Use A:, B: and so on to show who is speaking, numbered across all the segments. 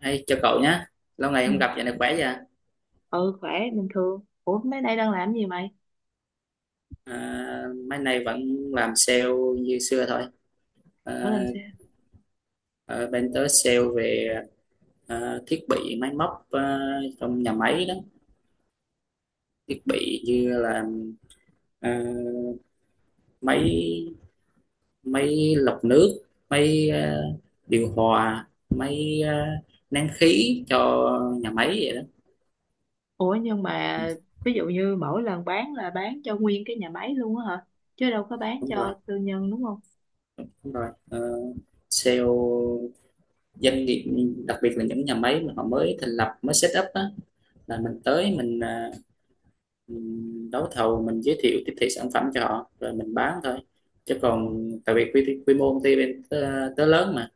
A: Hey, chào cậu nhé, lâu ngày
B: Ừ,
A: không gặp, dạo này khỏe vậy?
B: ừ, khỏe bình thường. Ủa mấy nay đang làm gì mày?
A: Mấy nay vẫn làm sale như xưa thôi.
B: Ở
A: À,
B: làm sao?
A: Ở bên tớ sale về thiết bị máy móc trong nhà máy đó, thiết bị như là à, máy máy lọc nước, máy điều hòa, máy nén khí cho nhà máy vậy đó.
B: Ủa nhưng mà
A: Ừ,
B: ví dụ như mỗi lần bán là bán cho nguyên cái nhà máy luôn á hả? Chứ đâu có bán
A: Đúng rồi,
B: cho tư nhân đúng không?
A: đúng rồi. Ờ, sale doanh nghiệp, đặc biệt là những nhà máy mà họ mới thành lập, mới set up á, là mình tới mình mình đấu thầu, mình giới thiệu tiếp thị sản phẩm cho họ rồi mình bán thôi. Chứ còn tại vì quy mô công ty bên tớ, tớ lớn mà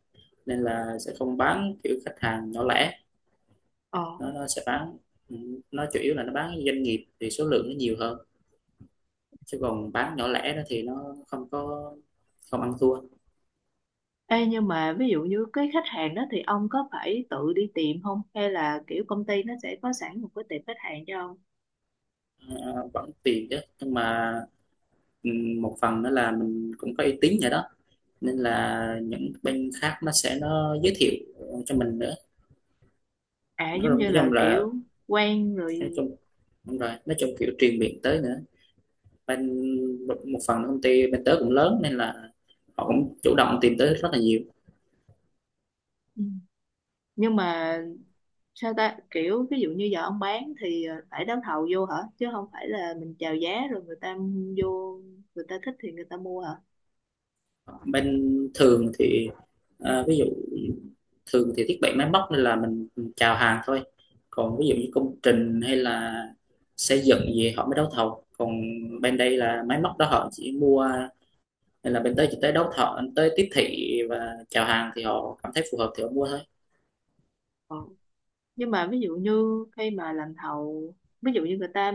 A: nên là sẽ không bán kiểu khách hàng nhỏ lẻ.
B: Ờ.
A: Nó sẽ bán, ừ, nó chủ yếu là nó bán doanh nghiệp thì số lượng nó nhiều hơn, chứ còn bán nhỏ lẻ đó thì nó không có, không ăn thua.
B: Ê nhưng mà ví dụ như cái khách hàng đó thì ông có phải tự đi tìm không? Hay là kiểu công ty nó sẽ có sẵn một cái tiệm khách hàng cho ông?
A: Vẫn tiền chứ, nhưng mà ừ, một phần nữa là mình cũng có uy tín rồi đó, nên là những bên khác nó sẽ nó giới thiệu cho mình nữa.
B: À, giống
A: nói
B: như là
A: chung là
B: kiểu quen
A: nói
B: rồi.
A: chung đúng rồi, nói chung kiểu truyền miệng tới nữa. Bên một một phần công ty bên tớ cũng lớn nên là họ cũng chủ động tìm tới rất là nhiều.
B: Ừ. Nhưng mà sao ta kiểu ví dụ như giờ ông bán thì phải đấu thầu vô hả, chứ không phải là mình chào giá rồi người ta vô người ta thích thì người ta mua hả?
A: Bên thường thì à, ví dụ thường thì thiết bị máy móc nên là mình chào hàng thôi. Còn ví dụ như công trình hay là xây dựng gì họ mới đấu thầu, còn bên đây là máy móc đó họ chỉ mua, nên là bên tới chỉ tới đấu thầu, tới tiếp thị và chào hàng, thì họ cảm thấy phù hợp thì họ mua thôi.
B: Ờ. Nhưng mà ví dụ như khi mà làm thầu, ví dụ như người ta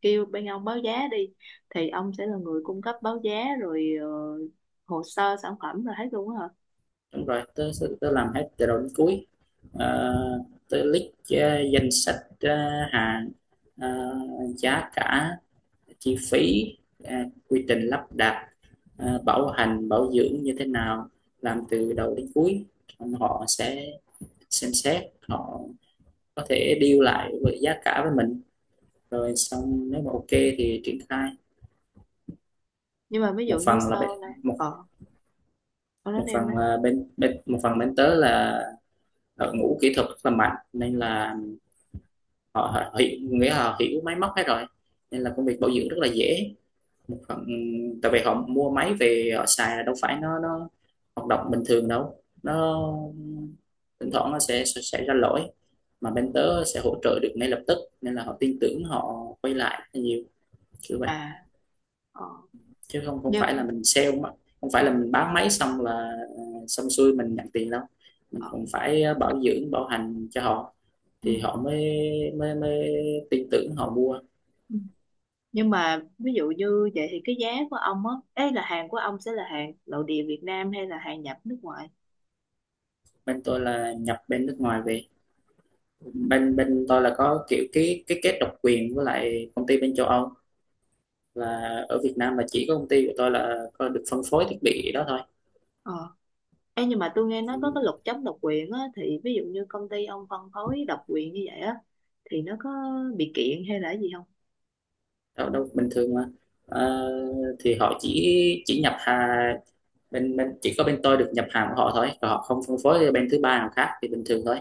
B: kêu bên ông báo giá đi thì ông sẽ là người cung cấp báo giá rồi hồ sơ sản phẩm rồi hết luôn á hả?
A: Đúng rồi, tớ làm hết từ đầu đến cuối. Ờ, tớ list danh sách hàng, ờ, giá cả, chi phí, ờ, quy trình lắp đặt, bảo hành bảo dưỡng như thế nào, làm từ đầu đến cuối. Xong họ sẽ xem xét, họ có thể deal lại với giá cả với mình, rồi xong nếu mà ok thì triển khai.
B: Nhưng mà ví
A: một
B: dụ như
A: phần là bên
B: sau này
A: một
B: ông nói em đấy.
A: Một phần bên tớ là đội ngũ kỹ thuật rất là mạnh nên là họ, họ hiểu máy móc hết rồi, nên là công việc bảo dưỡng rất là dễ. Một phần tại vì họ mua máy về họ xài là đâu phải nó hoạt động bình thường đâu, nó thỉnh thoảng nó sẽ ra lỗi, mà bên tớ sẽ hỗ trợ được ngay lập tức nên là họ tin tưởng, họ quay lại rất nhiều, kiểu vậy.
B: À, ờ
A: Chứ không không phải
B: nhưng
A: là mình sale mà không phải là mình bán máy xong là ờ, xong xuôi mình nhận tiền đâu, mình
B: ờ
A: cũng phải bảo dưỡng bảo hành cho họ
B: ừ.
A: thì họ mới mới mới tin tưởng họ mua.
B: Ừ. Nhưng mà ví dụ như vậy thì cái giá của ông á, ấy là hàng của ông sẽ là hàng nội địa Việt Nam hay là hàng nhập nước ngoài?
A: Bên tôi là nhập bên nước ngoài về. Bên bên tôi là có kiểu cái kết độc quyền với lại công ty bên châu Âu, và ở Việt Nam là chỉ có công ty của tôi là có được phân phối thiết bị đó thôi.
B: ờ Ê, nhưng mà tôi nghe nói
A: Ừ,
B: có cái luật chống độc quyền á, thì ví dụ như công ty ông phân phối độc quyền như vậy á thì nó có bị kiện hay là cái gì không?
A: đâu đâu, bình thường mà. Ờ, thì họ chỉ nhập hàng, bên bên chỉ có bên tôi được nhập hàng của họ thôi, còn họ không phân phối cho bên thứ ba nào khác thì bình thường thôi,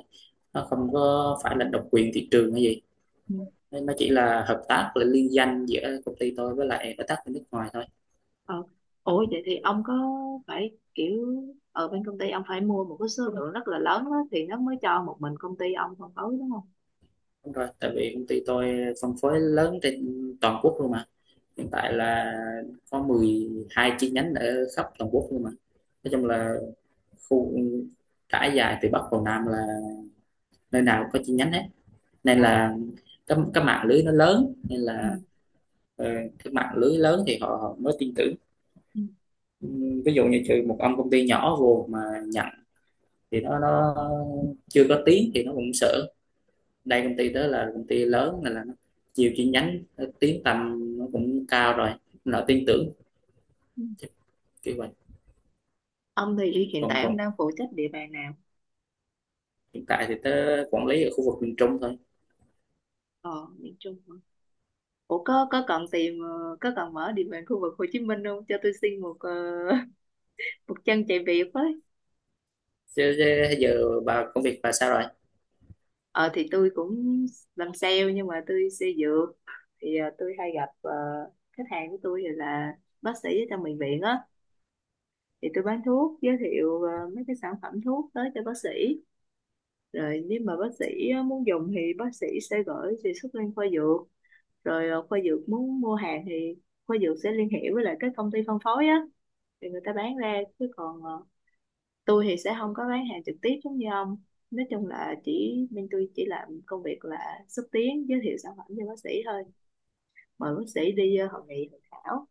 A: nó không có phải là độc quyền thị trường hay gì.
B: Ừ.
A: Nên nó chỉ là hợp tác, là liên danh giữa công ty tôi với lại đối tác bên nước ngoài thôi.
B: ờ Ủa vậy thì ông có phải kiểu ở bên công ty ông phải mua một cái số lượng rất là lớn á thì nó mới cho một mình công ty ông phân phối đúng không?
A: Đúng rồi, tại vì công ty tôi phân phối lớn trên toàn quốc luôn mà. Hiện tại là có 12 chi nhánh ở khắp toàn quốc luôn mà. Nói chung là khu trải dài từ Bắc vào Nam, là nơi nào cũng có chi nhánh hết. Nên
B: ờ
A: là cái mạng lưới nó lớn nên là
B: ừ.
A: ờ, cái mạng lưới lớn thì họ mới tin tưởng.
B: Ừ.
A: Ví dụ như trừ một ông công ty nhỏ vô mà nhận thì nó chưa có tiếng thì nó cũng sợ. Đây công ty đó là công ty lớn nên là nó nhiều chi nhánh, nó tiếng tăm nó cũng cao rồi, nó tin tưởng.
B: Ừ.
A: Chắc kiểu vậy.
B: Ông thì hiện
A: Còn
B: tại
A: còn
B: ông đang phụ trách địa bàn nào?
A: Hiện tại thì tớ quản lý ở khu vực miền Trung thôi.
B: Ờ Miền Trung hả? Ủa có cần tìm, có cần mở địa bàn khu vực Hồ Chí Minh không, cho tôi xin một chân chạy việc với.
A: Chứ, chứ Giờ bà công việc bà sao rồi?
B: Ờ thì tôi cũng làm sale, nhưng mà tôi sale dược thì tôi hay gặp, khách hàng của tôi thì là bác sĩ ở trong bệnh viện á, thì tôi bán thuốc, giới thiệu mấy cái sản phẩm thuốc tới cho bác sĩ. Rồi nếu mà bác sĩ muốn dùng thì bác sĩ sẽ gửi đề xuất lên khoa dược, rồi khoa dược muốn mua hàng thì khoa dược sẽ liên hệ với lại các công ty phân phối á, thì người ta bán ra, chứ còn tôi thì sẽ không có bán hàng trực tiếp giống như ông. Nói chung là chỉ bên tôi chỉ làm công việc là xúc tiến giới thiệu sản phẩm cho bác sĩ thôi, mời bác sĩ đi hội nghị hội thảo.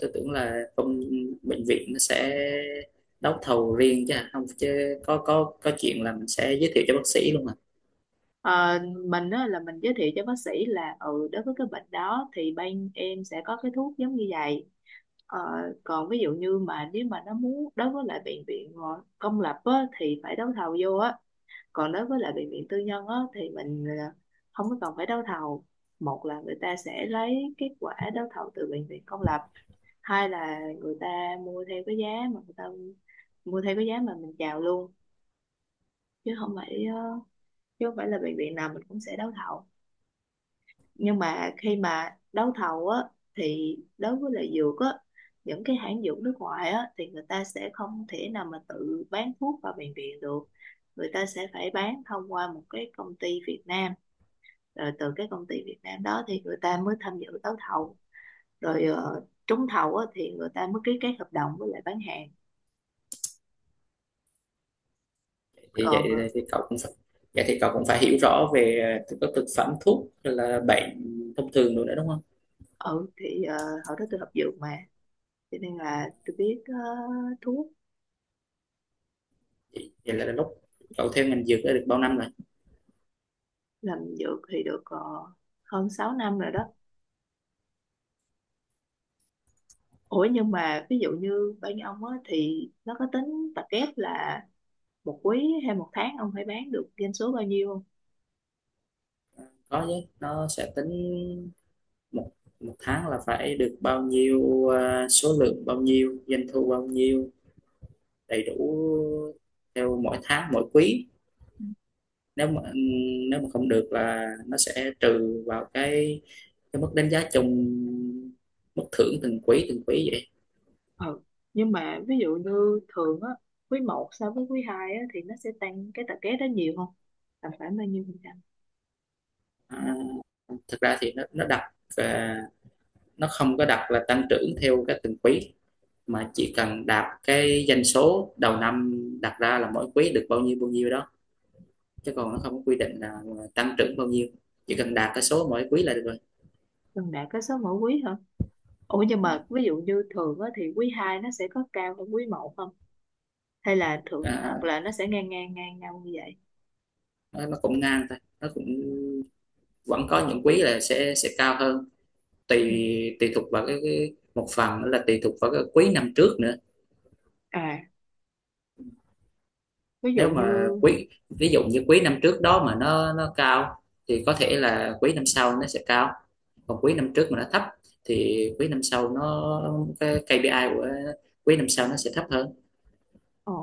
A: Tớ tưởng là công bệnh viện nó sẽ đấu thầu riêng chứ hả? Không chứ có chuyện là mình sẽ giới thiệu cho bác sĩ luôn mà.
B: Ờ, mình á, là mình giới thiệu cho bác sĩ là, ừ, đối với cái bệnh đó thì bên em sẽ có cái thuốc giống như vậy. Ờ, còn ví dụ như mà nếu mà nó muốn đối với lại bệnh viện công lập á, thì phải đấu thầu vô á. Còn đối với lại bệnh viện tư nhân á, thì mình không có cần phải đấu thầu. Một là người ta sẽ lấy kết quả đấu thầu từ bệnh viện công lập, hai là người ta mua theo cái giá mà người ta mua theo cái giá mà mình chào luôn. Chứ không phải ờ, chứ không phải là bệnh viện nào mình cũng sẽ đấu thầu. Nhưng mà khi mà đấu thầu á thì đối với lại dược á, những cái hãng dược nước ngoài á thì người ta sẽ không thể nào mà tự bán thuốc vào bệnh viện được, người ta sẽ phải bán thông qua một cái công ty Việt Nam. Rồi từ cái công ty Việt Nam đó thì người ta mới tham dự đấu thầu, rồi trúng thầu á, thì người ta mới ký kết hợp đồng với lại bán hàng.
A: Thì vậy
B: Còn
A: thì cậu cũng phải Vậy thì cậu cũng phải hiểu rõ về các thực phẩm thuốc rồi là bệnh thông thường rồi nữa đó, đúng không?
B: ừ thì hồi đó tôi học dược mà, cho nên là tôi biết thuốc.
A: Vậy vậy là lúc cậu theo ngành dược đã được bao năm rồi?
B: Làm dược thì được hơn 6 năm rồi đó. Ủa nhưng mà ví dụ như bên ông á, thì nó có tính tập kép là một quý hay một tháng ông phải bán được doanh số bao nhiêu không?
A: Có chứ, nó sẽ tính một một tháng là phải được bao nhiêu, số lượng bao nhiêu, doanh thu bao nhiêu, đầy đủ theo mỗi tháng mỗi quý. nếu mà Nếu mà không được là nó sẽ trừ vào cái mức đánh giá chung, mức thưởng từng quý, từng quý vậy.
B: Ừ. Nhưng mà ví dụ như thường á, quý một so với quý 2 á thì nó sẽ tăng cái tập vé đó nhiều không, tầm khoảng bao nhiêu phần trăm?
A: à, Thực ra thì nó không có đặt là tăng trưởng theo cái từng quý, mà chỉ cần đạt cái doanh số đầu năm đặt ra là mỗi quý được bao nhiêu đó. Chứ còn nó không có quy định là tăng trưởng bao nhiêu, chỉ cần đạt cái số mỗi quý là được rồi.
B: Gần đạt cái số mỗi quý hả? Ủa nhưng mà ví dụ như thường á thì quý 2 nó sẽ có cao hơn quý một không, hay là thường hoặc
A: à,
B: là nó sẽ ngang ngang ngang nhau như vậy?
A: nó cũng ngang thôi, nó cũng vẫn có những quý là sẽ cao hơn.
B: Ừ.
A: Tùy Tùy thuộc vào cái, một phần nữa là tùy thuộc vào cái quý năm trước nữa.
B: À, ví dụ
A: Nếu mà
B: như,
A: quý ví dụ như quý năm trước đó mà nó cao thì có thể là quý năm sau nó sẽ cao. Còn quý năm trước mà nó thấp thì quý năm sau nó cái KPI của quý năm sau nó sẽ thấp hơn.
B: ồ,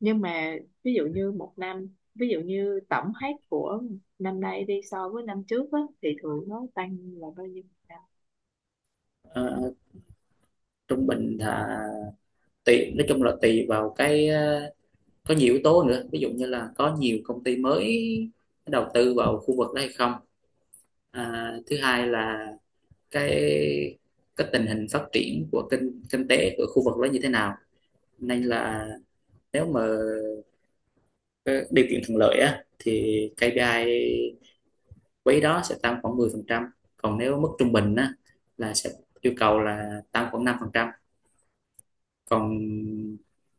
B: nhưng mà ví dụ như một năm, ví dụ như tổng hết của năm nay đi so với năm trước á thì thường nó tăng là bao nhiêu phần trăm?
A: Ờ, trung bình là tùy, nói chung là tùy vào cái có nhiều yếu tố nữa, ví dụ như là có nhiều công ty mới đầu tư vào khu vực đó hay không, thứ hai là cái cái tình hình phát triển của kinh kinh tế của khu vực đó như thế nào. Nên là nếu mà cái điều kiện thuận lợi á thì KPI quý đó sẽ tăng khoảng 10%, còn nếu mức trung bình á là sẽ yêu cầu là tăng khoảng 5%. Còn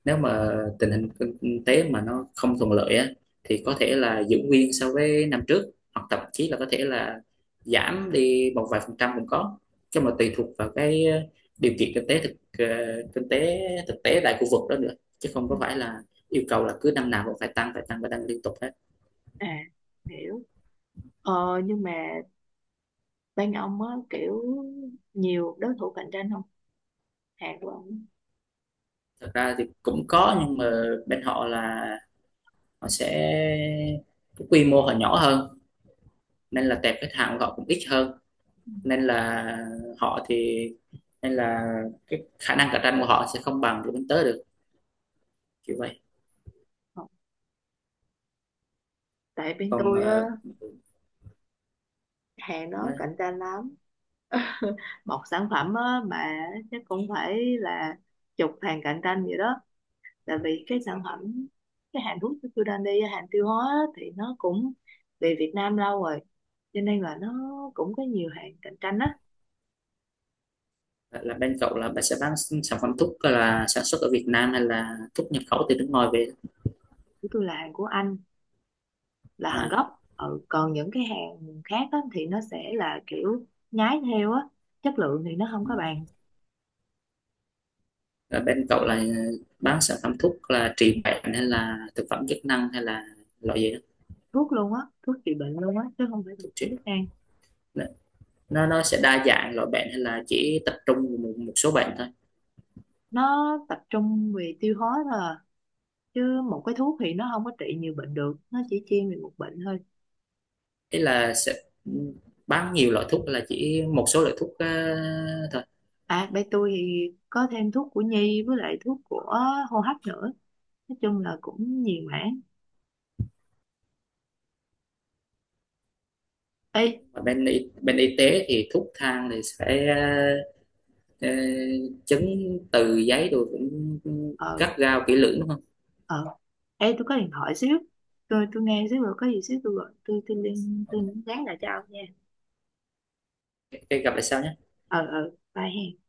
A: nếu mà tình hình kinh tế mà nó không thuận lợi á thì có thể là giữ nguyên so với năm trước, hoặc thậm chí là có thể là giảm đi một vài phần trăm cũng có. Chứ mà tùy thuộc vào cái ờ, điều kiện kinh tế thực ờ, kinh tế thực tế tại khu vực đó nữa, chứ không
B: Ừ.
A: có phải là yêu cầu là cứ năm nào cũng phải tăng, phải tăng liên tục hết.
B: À, hiểu. Ờ, nhưng mà bên ông á kiểu nhiều đối thủ cạnh tranh không, hàng của ông á?
A: Thật ra thì cũng có, nhưng mà bên họ là họ sẽ cái quy mô họ nhỏ hơn, nên là tệp khách hàng của họ cũng ít hơn. Nên là họ thì nên là cái khả năng cạnh tranh của họ sẽ không bằng của bên tớ được, kiểu vậy.
B: Không. Tại bên
A: Còn
B: tôi á,
A: ờ,
B: hàng đó
A: nói
B: cạnh tranh lắm. Một sản phẩm á, mà chắc cũng phải là chục hàng cạnh tranh vậy đó. Tại vì cái sản phẩm cái hàng thuốc của tôi đang đi hàng tiêu hóa á, thì nó cũng về Việt Nam lâu rồi, cho nên là nó cũng có nhiều hàng cạnh tranh á.
A: là bên cậu là bạn sẽ bán sản phẩm thuốc là sản xuất ở Việt Nam hay là thuốc nhập khẩu từ nước ngoài về?
B: Của tôi là hàng của Anh, là hàng
A: à,
B: gốc. Ừ. Còn những cái hàng khác á, thì nó sẽ là kiểu nhái theo á, chất lượng thì nó không có bằng.
A: là bên cậu là bán sản phẩm thuốc là trị bệnh hay là thực phẩm chức năng hay là loại gì đó?
B: Thuốc luôn á, thuốc trị bệnh luôn á, chứ không phải thực
A: Thuốc
B: phẩm
A: trị,
B: chức năng.
A: nó sẽ đa dạng loại bệnh hay là chỉ tập trung một số bệnh thôi?
B: Nó tập trung về tiêu hóa thôi à. Chứ một cái thuốc thì nó không có trị nhiều bệnh được, nó chỉ chuyên về một bệnh thôi.
A: Ý là sẽ bán nhiều loại thuốc hay là chỉ một số loại thuốc thôi?
B: À, bên tôi thì có thêm thuốc của nhi với lại thuốc của hô hấp nữa. Nói chung là cũng nhiều mảng. Ê.
A: Và bên y tế thì thuốc thang thì sẽ ờ, ờ, chứng từ giấy rồi cũng
B: ờ
A: gắt gao kỹ lưỡng đúng không?
B: ờ Ê, tôi có điện thoại xíu. Tôi nghe xíu, rồi có gì xíu tôi gọi, tôi nhắn lại cho ông nha.
A: Ok, gặp lại sau nhé.
B: Ờ Bye hen.